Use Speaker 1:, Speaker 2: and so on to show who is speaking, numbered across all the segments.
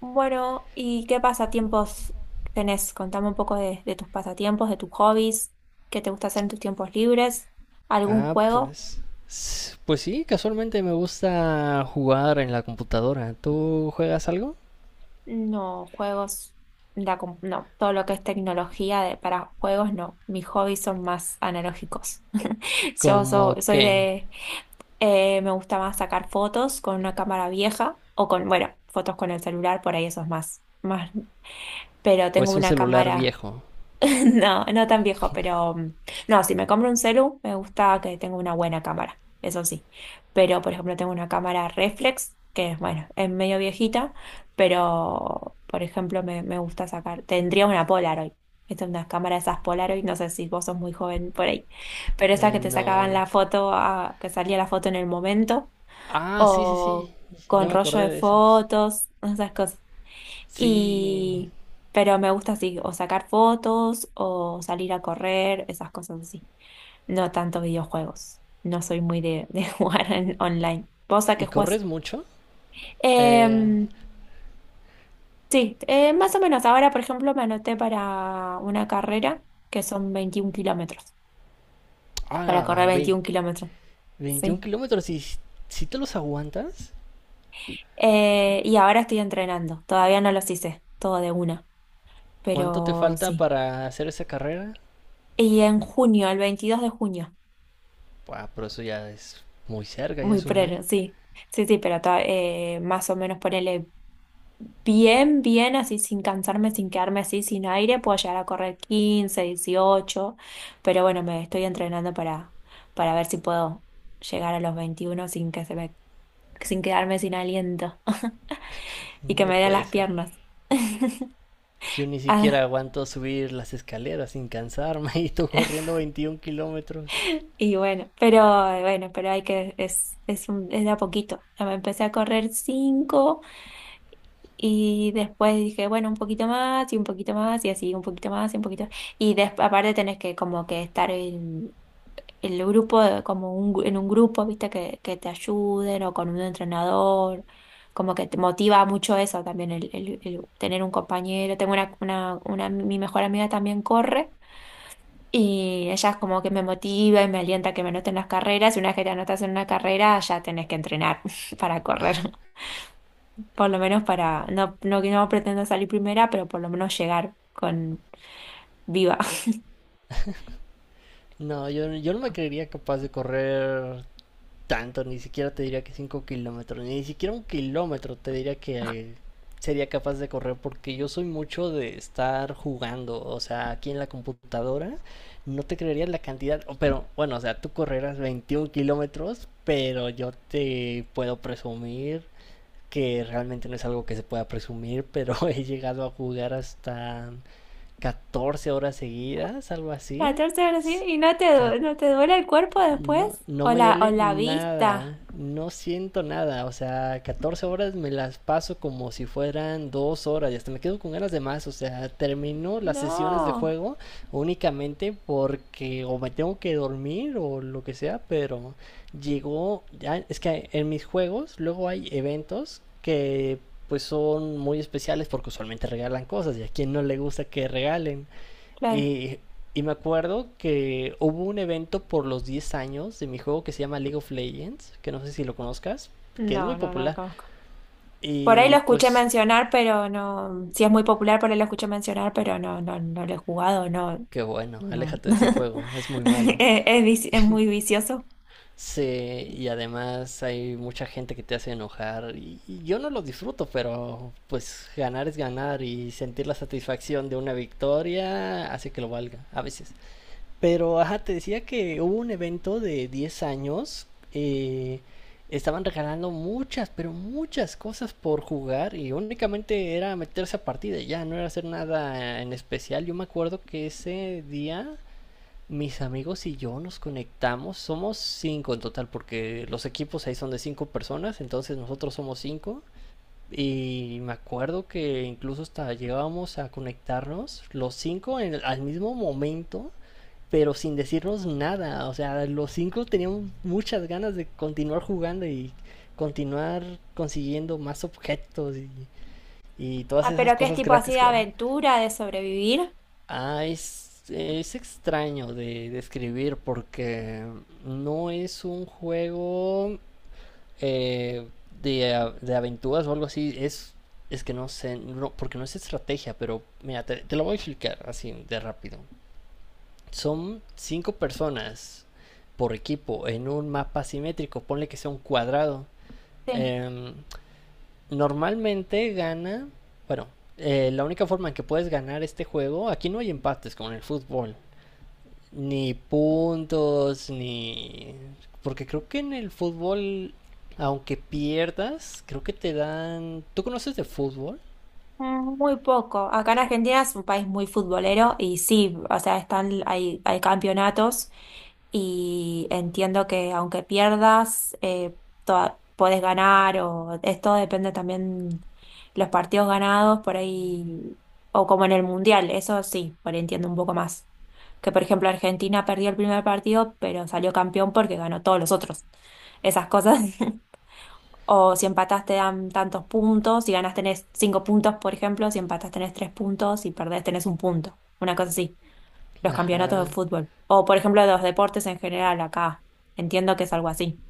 Speaker 1: Bueno, ¿y qué pasatiempos tenés? Contame un poco de tus pasatiempos, de tus hobbies, qué te gusta hacer en tus tiempos libres, algún
Speaker 2: Ah,
Speaker 1: juego,
Speaker 2: pues. Pues sí, casualmente me gusta jugar en la computadora. ¿Tú juegas algo?
Speaker 1: no, juegos, no, todo lo que es tecnología para juegos, no, mis hobbies son más analógicos. Yo so-
Speaker 2: ¿Cómo
Speaker 1: soy
Speaker 2: qué?
Speaker 1: de, Me gusta más sacar fotos con una cámara vieja o bueno, fotos con el celular, por ahí eso es más, más, pero
Speaker 2: ¿O
Speaker 1: tengo
Speaker 2: es un
Speaker 1: una
Speaker 2: celular
Speaker 1: cámara.
Speaker 2: viejo?
Speaker 1: No, no tan viejo, pero no, si me compro un celu, me gusta que tenga una buena cámara, eso sí. Pero, por ejemplo, tengo una cámara reflex, que bueno, es medio viejita, pero, por ejemplo, me gusta sacar, tendría una Polaroid. Esta es una cámara de esas Polaroid, no sé si vos sos muy joven por ahí, pero esas que te sacaban
Speaker 2: No.
Speaker 1: la foto, que salía la foto en el momento,
Speaker 2: Ah, sí, sí,
Speaker 1: o
Speaker 2: sí.
Speaker 1: con
Speaker 2: Ya me
Speaker 1: rollo de
Speaker 2: acordé de esas.
Speaker 1: fotos, esas cosas.
Speaker 2: Sí.
Speaker 1: Y, pero me gusta así, o sacar fotos, o salir a correr, esas cosas así. No tanto videojuegos. No soy muy de jugar online. ¿Vos a qué
Speaker 2: ¿Y
Speaker 1: jugás?
Speaker 2: corres mucho? Eh,
Speaker 1: Em, sí, más o menos. Ahora, por ejemplo, me anoté para una carrera que son 21 kilómetros. Para correr
Speaker 2: ah, vein-
Speaker 1: 21 kilómetros.
Speaker 2: 21
Speaker 1: Sí.
Speaker 2: kilómetros. ¿Y si te los aguantas?
Speaker 1: Y ahora estoy entrenando. Todavía no los hice, todo de una.
Speaker 2: ¿Cuánto te
Speaker 1: Pero
Speaker 2: falta
Speaker 1: sí.
Speaker 2: para hacer esa carrera?
Speaker 1: Y en junio, el 22 de junio.
Speaker 2: Buah, pero eso ya es muy cerca, ya
Speaker 1: Muy
Speaker 2: es un mes.
Speaker 1: prero, sí. Sí, sí, pero más o menos ponerle bien, bien, así sin cansarme, sin quedarme así sin aire, puedo llegar a correr 15 dieciocho. Pero bueno, me estoy entrenando para ver si puedo llegar a los 21 sin quedarme sin aliento, y que
Speaker 2: No
Speaker 1: me den
Speaker 2: puede
Speaker 1: las
Speaker 2: ser.
Speaker 1: piernas.
Speaker 2: Yo ni siquiera
Speaker 1: Ah,
Speaker 2: aguanto subir las escaleras sin cansarme y tú corriendo 21 kilómetros.
Speaker 1: y bueno, pero hay que, es de a poquito. Ya me empecé a correr cinco. Y después dije, bueno, un poquito más y un poquito más y así, un poquito más y un poquito. Aparte tenés que como que estar en el grupo, como en un grupo, viste, que te ayuden o con un entrenador. Como que te motiva mucho eso también, el tener un compañero. Tengo mi mejor amiga también corre, y ella es como que me motiva y me alienta a que me anoten las carreras. Y una vez que te anotas en una carrera, ya tenés que entrenar para correr por lo menos no, no, no pretendo salir primera, pero por lo menos llegar con viva.
Speaker 2: No, yo no me creería capaz de correr tanto, ni siquiera te diría que 5 kilómetros, ni siquiera un kilómetro te diría que sería capaz de correr porque yo soy mucho de estar jugando, o sea, aquí en la computadora no te creerías la cantidad, pero bueno, o sea, tú correrás 21 kilómetros, pero yo te puedo presumir que realmente no es algo que se pueda presumir, pero he llegado a jugar hasta 14 horas seguidas, algo así.
Speaker 1: 14 horas, ¿sí? ¿Y no te duele el cuerpo después?
Speaker 2: No, no
Speaker 1: ¿O
Speaker 2: me
Speaker 1: la, o
Speaker 2: duele
Speaker 1: la vista?
Speaker 2: nada, no siento nada, o sea, 14 horas me las paso como si fueran 2 horas y hasta me quedo con ganas de más, o sea, termino las sesiones de
Speaker 1: No,
Speaker 2: juego únicamente porque o me tengo que dormir o lo que sea, pero llegó, ya, es que en mis juegos luego hay eventos que pues son muy especiales porque usualmente regalan cosas y a quien no le gusta que regalen.
Speaker 1: claro.
Speaker 2: Y, y me acuerdo que hubo un evento por los 10 años de mi juego que se llama League of Legends, que no sé si lo conozcas, que es
Speaker 1: No,
Speaker 2: muy
Speaker 1: no, no lo
Speaker 2: popular.
Speaker 1: conozco. Por ahí
Speaker 2: Y
Speaker 1: lo escuché
Speaker 2: pues,
Speaker 1: mencionar, pero no, si es muy popular, por ahí lo escuché mencionar, pero no, no, no lo he jugado, no,
Speaker 2: qué bueno,
Speaker 1: no.
Speaker 2: aléjate de ese juego, es muy malo.
Speaker 1: Es muy vicioso.
Speaker 2: Sí, y además hay mucha gente que te hace enojar. Y yo no lo disfruto, pero pues ganar es ganar y sentir la satisfacción de una victoria hace que lo valga, a veces. Pero, ajá, te decía que hubo un evento de 10 años. eh, estaban regalando muchas, pero muchas cosas por jugar y únicamente era meterse a partida, ya no era hacer nada en especial. Yo me acuerdo que ese día mis amigos y yo nos conectamos, somos 5 en total, porque los equipos ahí son de 5 personas, entonces nosotros somos cinco. Y me acuerdo que incluso hasta llegábamos a conectarnos los cinco al mismo momento pero sin decirnos nada. O sea, los cinco teníamos muchas ganas de continuar jugando y continuar consiguiendo más objetos y todas
Speaker 1: Ah,
Speaker 2: esas
Speaker 1: pero ¿qué es
Speaker 2: cosas
Speaker 1: tipo así
Speaker 2: gratis
Speaker 1: de
Speaker 2: que daban.
Speaker 1: aventura, de sobrevivir?
Speaker 2: Ah, es extraño de describir porque no es un juego eh, de aventuras o algo así. Es que no sé, no, porque no es estrategia, pero mira, te lo voy a explicar así de rápido. Son cinco personas por equipo en un mapa simétrico, ponle que sea un cuadrado,
Speaker 1: Sí.
Speaker 2: eh, normalmente gana, bueno, la única forma en que puedes ganar este juego, aquí no hay empates como en el fútbol, ni puntos, ni... Porque creo que en el fútbol, aunque pierdas, creo que te dan... ¿Tú conoces de fútbol?
Speaker 1: Muy poco. Acá en Argentina es un país muy futbolero y sí, o sea, hay campeonatos, y entiendo que aunque pierdas, podés ganar o esto depende también los partidos ganados por ahí, o como en el Mundial, eso sí, por ahí entiendo un poco más. Que por ejemplo Argentina perdió el primer partido, pero salió campeón porque ganó todos los otros. Esas cosas. O si empatas te dan tantos puntos, si ganas tenés 5 puntos, por ejemplo, si empatas tenés 3 puntos, si perdés tenés un punto. Una cosa así, los campeonatos de
Speaker 2: Ajá.
Speaker 1: fútbol. O por ejemplo, de los deportes en general acá. Entiendo que es algo así.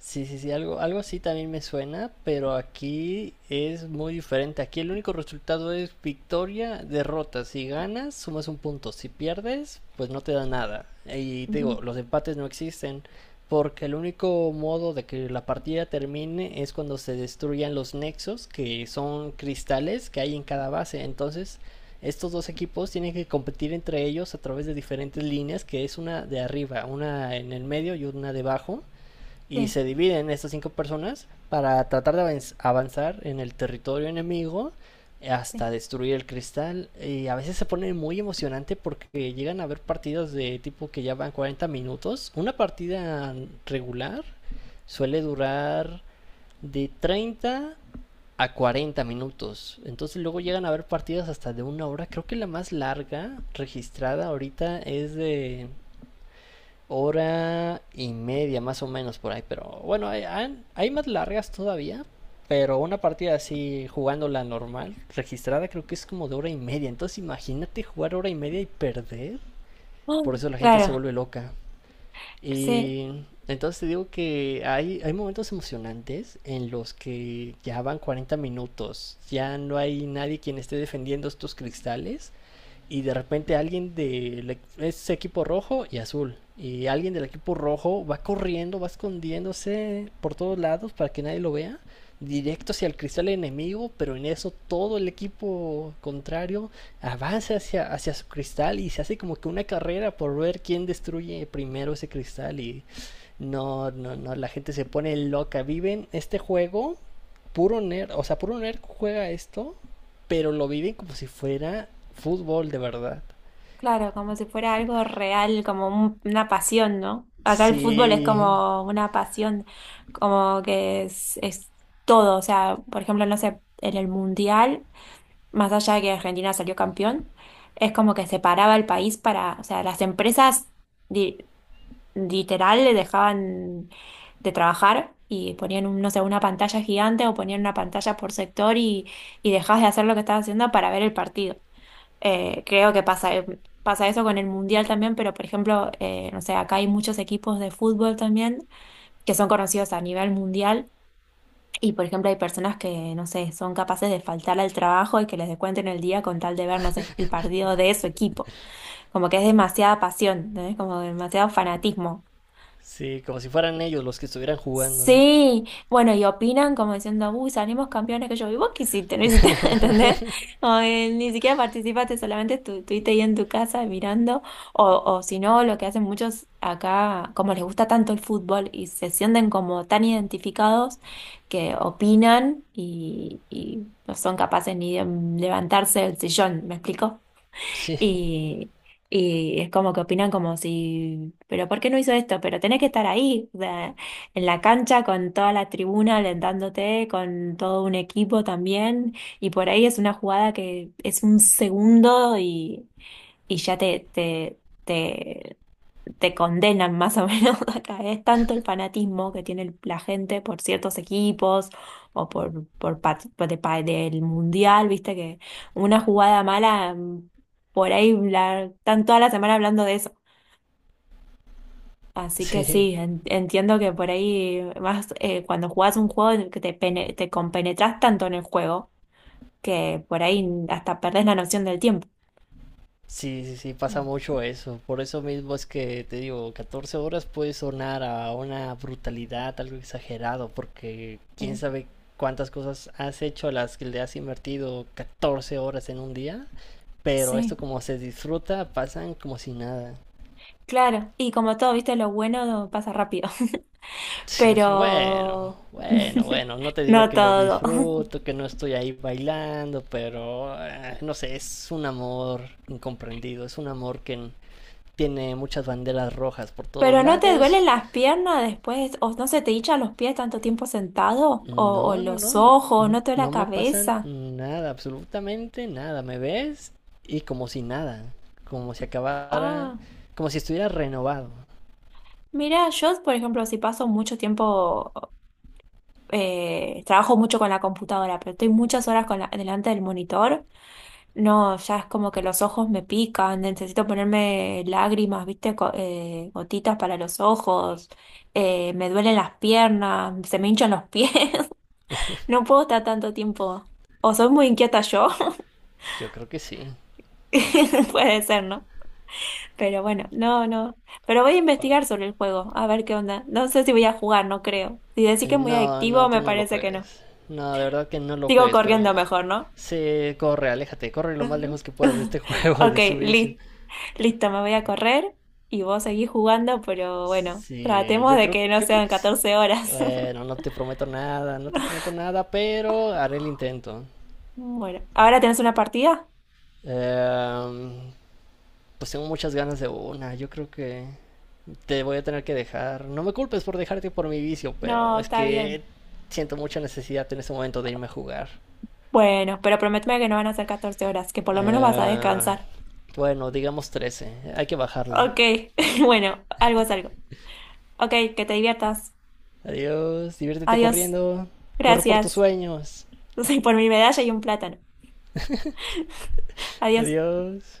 Speaker 2: Sí, sí, sí, algo así también me suena, pero aquí es muy diferente. Aquí el único resultado es victoria, derrota. Si ganas, sumas un punto. Si pierdes, pues no te da nada. Y te
Speaker 1: Ujú.
Speaker 2: digo, los empates no existen, porque el único modo de que la partida termine es cuando se destruyan los nexos, que son cristales que hay en cada base. Entonces, estos dos equipos tienen que competir entre ellos a través de diferentes líneas, que es una de arriba, una en el medio y una debajo y
Speaker 1: Sí,
Speaker 2: se dividen estas cinco personas para tratar de avanzar en el territorio enemigo
Speaker 1: sí.
Speaker 2: hasta destruir el cristal y a veces se pone muy emocionante porque llegan a haber partidas de tipo que ya van 40 minutos. Una partida regular suele durar de 30 a 40 minutos. Entonces luego llegan a haber partidas hasta de una hora. Creo que la más larga registrada ahorita es de hora y media más o menos por ahí, pero bueno, hay más largas todavía, pero una partida así jugándola normal, registrada creo que es como de hora y media, entonces imagínate jugar hora y media y perder,
Speaker 1: Ah,
Speaker 2: por eso la gente se
Speaker 1: claro.
Speaker 2: vuelve loca.
Speaker 1: Sí,
Speaker 2: Y entonces te digo que hay momentos emocionantes en los que ya van 40 minutos, ya no hay nadie quien esté defendiendo estos cristales y de repente alguien del ese equipo rojo y azul y alguien del equipo rojo va corriendo, va escondiéndose por todos lados para que nadie lo vea, directo hacia el cristal enemigo, pero en eso todo el equipo contrario avanza hacia su cristal y se hace como que una carrera por ver quién destruye primero ese cristal y no, no, no, la gente se pone loca, viven este juego, puro nerd, o sea, puro nerd juega esto pero lo viven como si fuera fútbol de verdad.
Speaker 1: claro, como si fuera algo real, como una pasión, ¿no? Acá el fútbol es
Speaker 2: Sí,
Speaker 1: como una pasión, como que es todo, o sea, por ejemplo, no sé, en el mundial. Más allá de que Argentina salió campeón, es como que separaba el país para, o sea, las empresas li- literal le dejaban de trabajar y ponían, no sé, una pantalla gigante, o ponían una pantalla por sector, y dejabas de hacer lo que estabas haciendo para ver el partido. Creo que pasa, pasa eso con el Mundial también, pero por ejemplo, no sé, acá hay muchos equipos de fútbol también que son conocidos a nivel mundial, y por ejemplo, hay personas que, no sé, son capaces de faltar al trabajo y que les descuenten el día con tal de ver, no sé, el partido de su equipo. Como que es demasiada pasión, ¿no? Como demasiado fanatismo.
Speaker 2: sí, como si fueran ellos los que estuvieran jugando.
Speaker 1: Sí, bueno, y opinan como diciendo, uy, salimos campeones que yo, ¿y vos qué hiciste? ¿No hiciste? ¿Entendés? O, ni siquiera participaste, solamente estuviste ahí en tu casa mirando, o si no, lo que hacen muchos acá, como les gusta tanto el fútbol y se sienten como tan identificados que opinan, y no son capaces ni de levantarse del sillón, ¿me explico?
Speaker 2: Sí,
Speaker 1: Y, y es como que opinan como si, pero ¿por qué no hizo esto? Pero tenés que estar ahí, o sea, en la cancha con toda la tribuna alentándote, con todo un equipo también. Y por ahí es una jugada que es un segundo, y ya te te condenan más o menos acá. Es tanto el fanatismo que tiene la gente por ciertos equipos o por, pa- por de pa- del mundial, viste que una jugada mala, por ahí están toda la semana hablando de eso. Así que
Speaker 2: sí,
Speaker 1: sí, entiendo que por ahí más, cuando jugás un juego en el que te compenetras tanto en el juego que por ahí hasta perdés la noción del tiempo.
Speaker 2: sí, sí, sí, pasa
Speaker 1: Mm.
Speaker 2: mucho eso. Por eso mismo es que te digo, 14 horas puede sonar a una brutalidad, algo exagerado, porque quién
Speaker 1: Sí,
Speaker 2: sabe cuántas cosas has hecho a las que le has invertido 14 horas en un día, pero esto
Speaker 1: sí,
Speaker 2: como se disfruta, pasan como si nada.
Speaker 1: claro. Y como todo, viste, lo bueno pasa rápido.
Speaker 2: Sí, bueno,
Speaker 1: Pero
Speaker 2: bueno, bueno, no te diría
Speaker 1: no
Speaker 2: que lo
Speaker 1: todo.
Speaker 2: disfruto, que no estoy ahí bailando, pero no sé, es un amor incomprendido, es un amor que tiene muchas banderas rojas por todos
Speaker 1: ¿Pero no te duelen
Speaker 2: lados.
Speaker 1: las piernas después? ¿O no se te hinchan los pies tanto tiempo sentado? ¿O
Speaker 2: No, no, no,
Speaker 1: los
Speaker 2: n-
Speaker 1: ojos?
Speaker 2: n-
Speaker 1: ¿No te duele la
Speaker 2: no me pasan
Speaker 1: cabeza?
Speaker 2: nada, absolutamente nada, ¿me ves? Y como si nada, como si acabara,
Speaker 1: Ah,
Speaker 2: como si estuviera renovado.
Speaker 1: mira, yo, por ejemplo, si paso mucho tiempo, trabajo mucho con la computadora, pero estoy muchas horas con delante del monitor. No, ya es como que los ojos me pican, necesito ponerme lágrimas, ¿viste? Gotitas para los ojos. Me duelen las piernas, se me hinchan los pies, no puedo estar tanto tiempo. O soy muy inquieta yo,
Speaker 2: Yo creo que sí.
Speaker 1: puede ser, ¿no? Pero bueno, no, no. Pero voy a investigar sobre el juego, a ver qué onda. No sé si voy a jugar, no creo. Si decís que es muy
Speaker 2: No,
Speaker 1: adictivo,
Speaker 2: no, tú
Speaker 1: me
Speaker 2: no lo
Speaker 1: parece que no.
Speaker 2: juegues. No, de verdad que no lo
Speaker 1: Sigo
Speaker 2: juegues,
Speaker 1: corriendo
Speaker 2: pero
Speaker 1: mejor, ¿no?
Speaker 2: sí, corre, aléjate, corre lo más lejos que puedas de este juego y
Speaker 1: Ok,
Speaker 2: de su vicio.
Speaker 1: listo. Listo, me voy a correr y vos seguís jugando, pero bueno,
Speaker 2: Sí,
Speaker 1: tratemos
Speaker 2: yo
Speaker 1: de
Speaker 2: creo,
Speaker 1: que no
Speaker 2: yo creo
Speaker 1: sean
Speaker 2: que sí.
Speaker 1: 14 horas.
Speaker 2: Bueno, no te prometo nada, no te prometo nada, pero haré el intento.
Speaker 1: Bueno, ¿ahora tenés una partida?
Speaker 2: Em, pues tengo muchas ganas de una, yo creo que te voy a tener que dejar. No me culpes por dejarte por mi vicio, pero
Speaker 1: No,
Speaker 2: es
Speaker 1: está
Speaker 2: que
Speaker 1: bien.
Speaker 2: siento mucha necesidad en este momento de irme a jugar.
Speaker 1: Bueno, pero prométeme que no van a ser 14 horas, que por lo menos vas a
Speaker 2: Eh,
Speaker 1: descansar.
Speaker 2: bueno, digamos 13. Hay que bajarle.
Speaker 1: Ok, bueno, algo es algo. Ok, que te diviertas.
Speaker 2: Adiós. Diviértete
Speaker 1: Adiós.
Speaker 2: corriendo. Corre por tus
Speaker 1: Gracias.
Speaker 2: sueños.
Speaker 1: Por mi medalla y un plátano. Adiós.
Speaker 2: Adiós.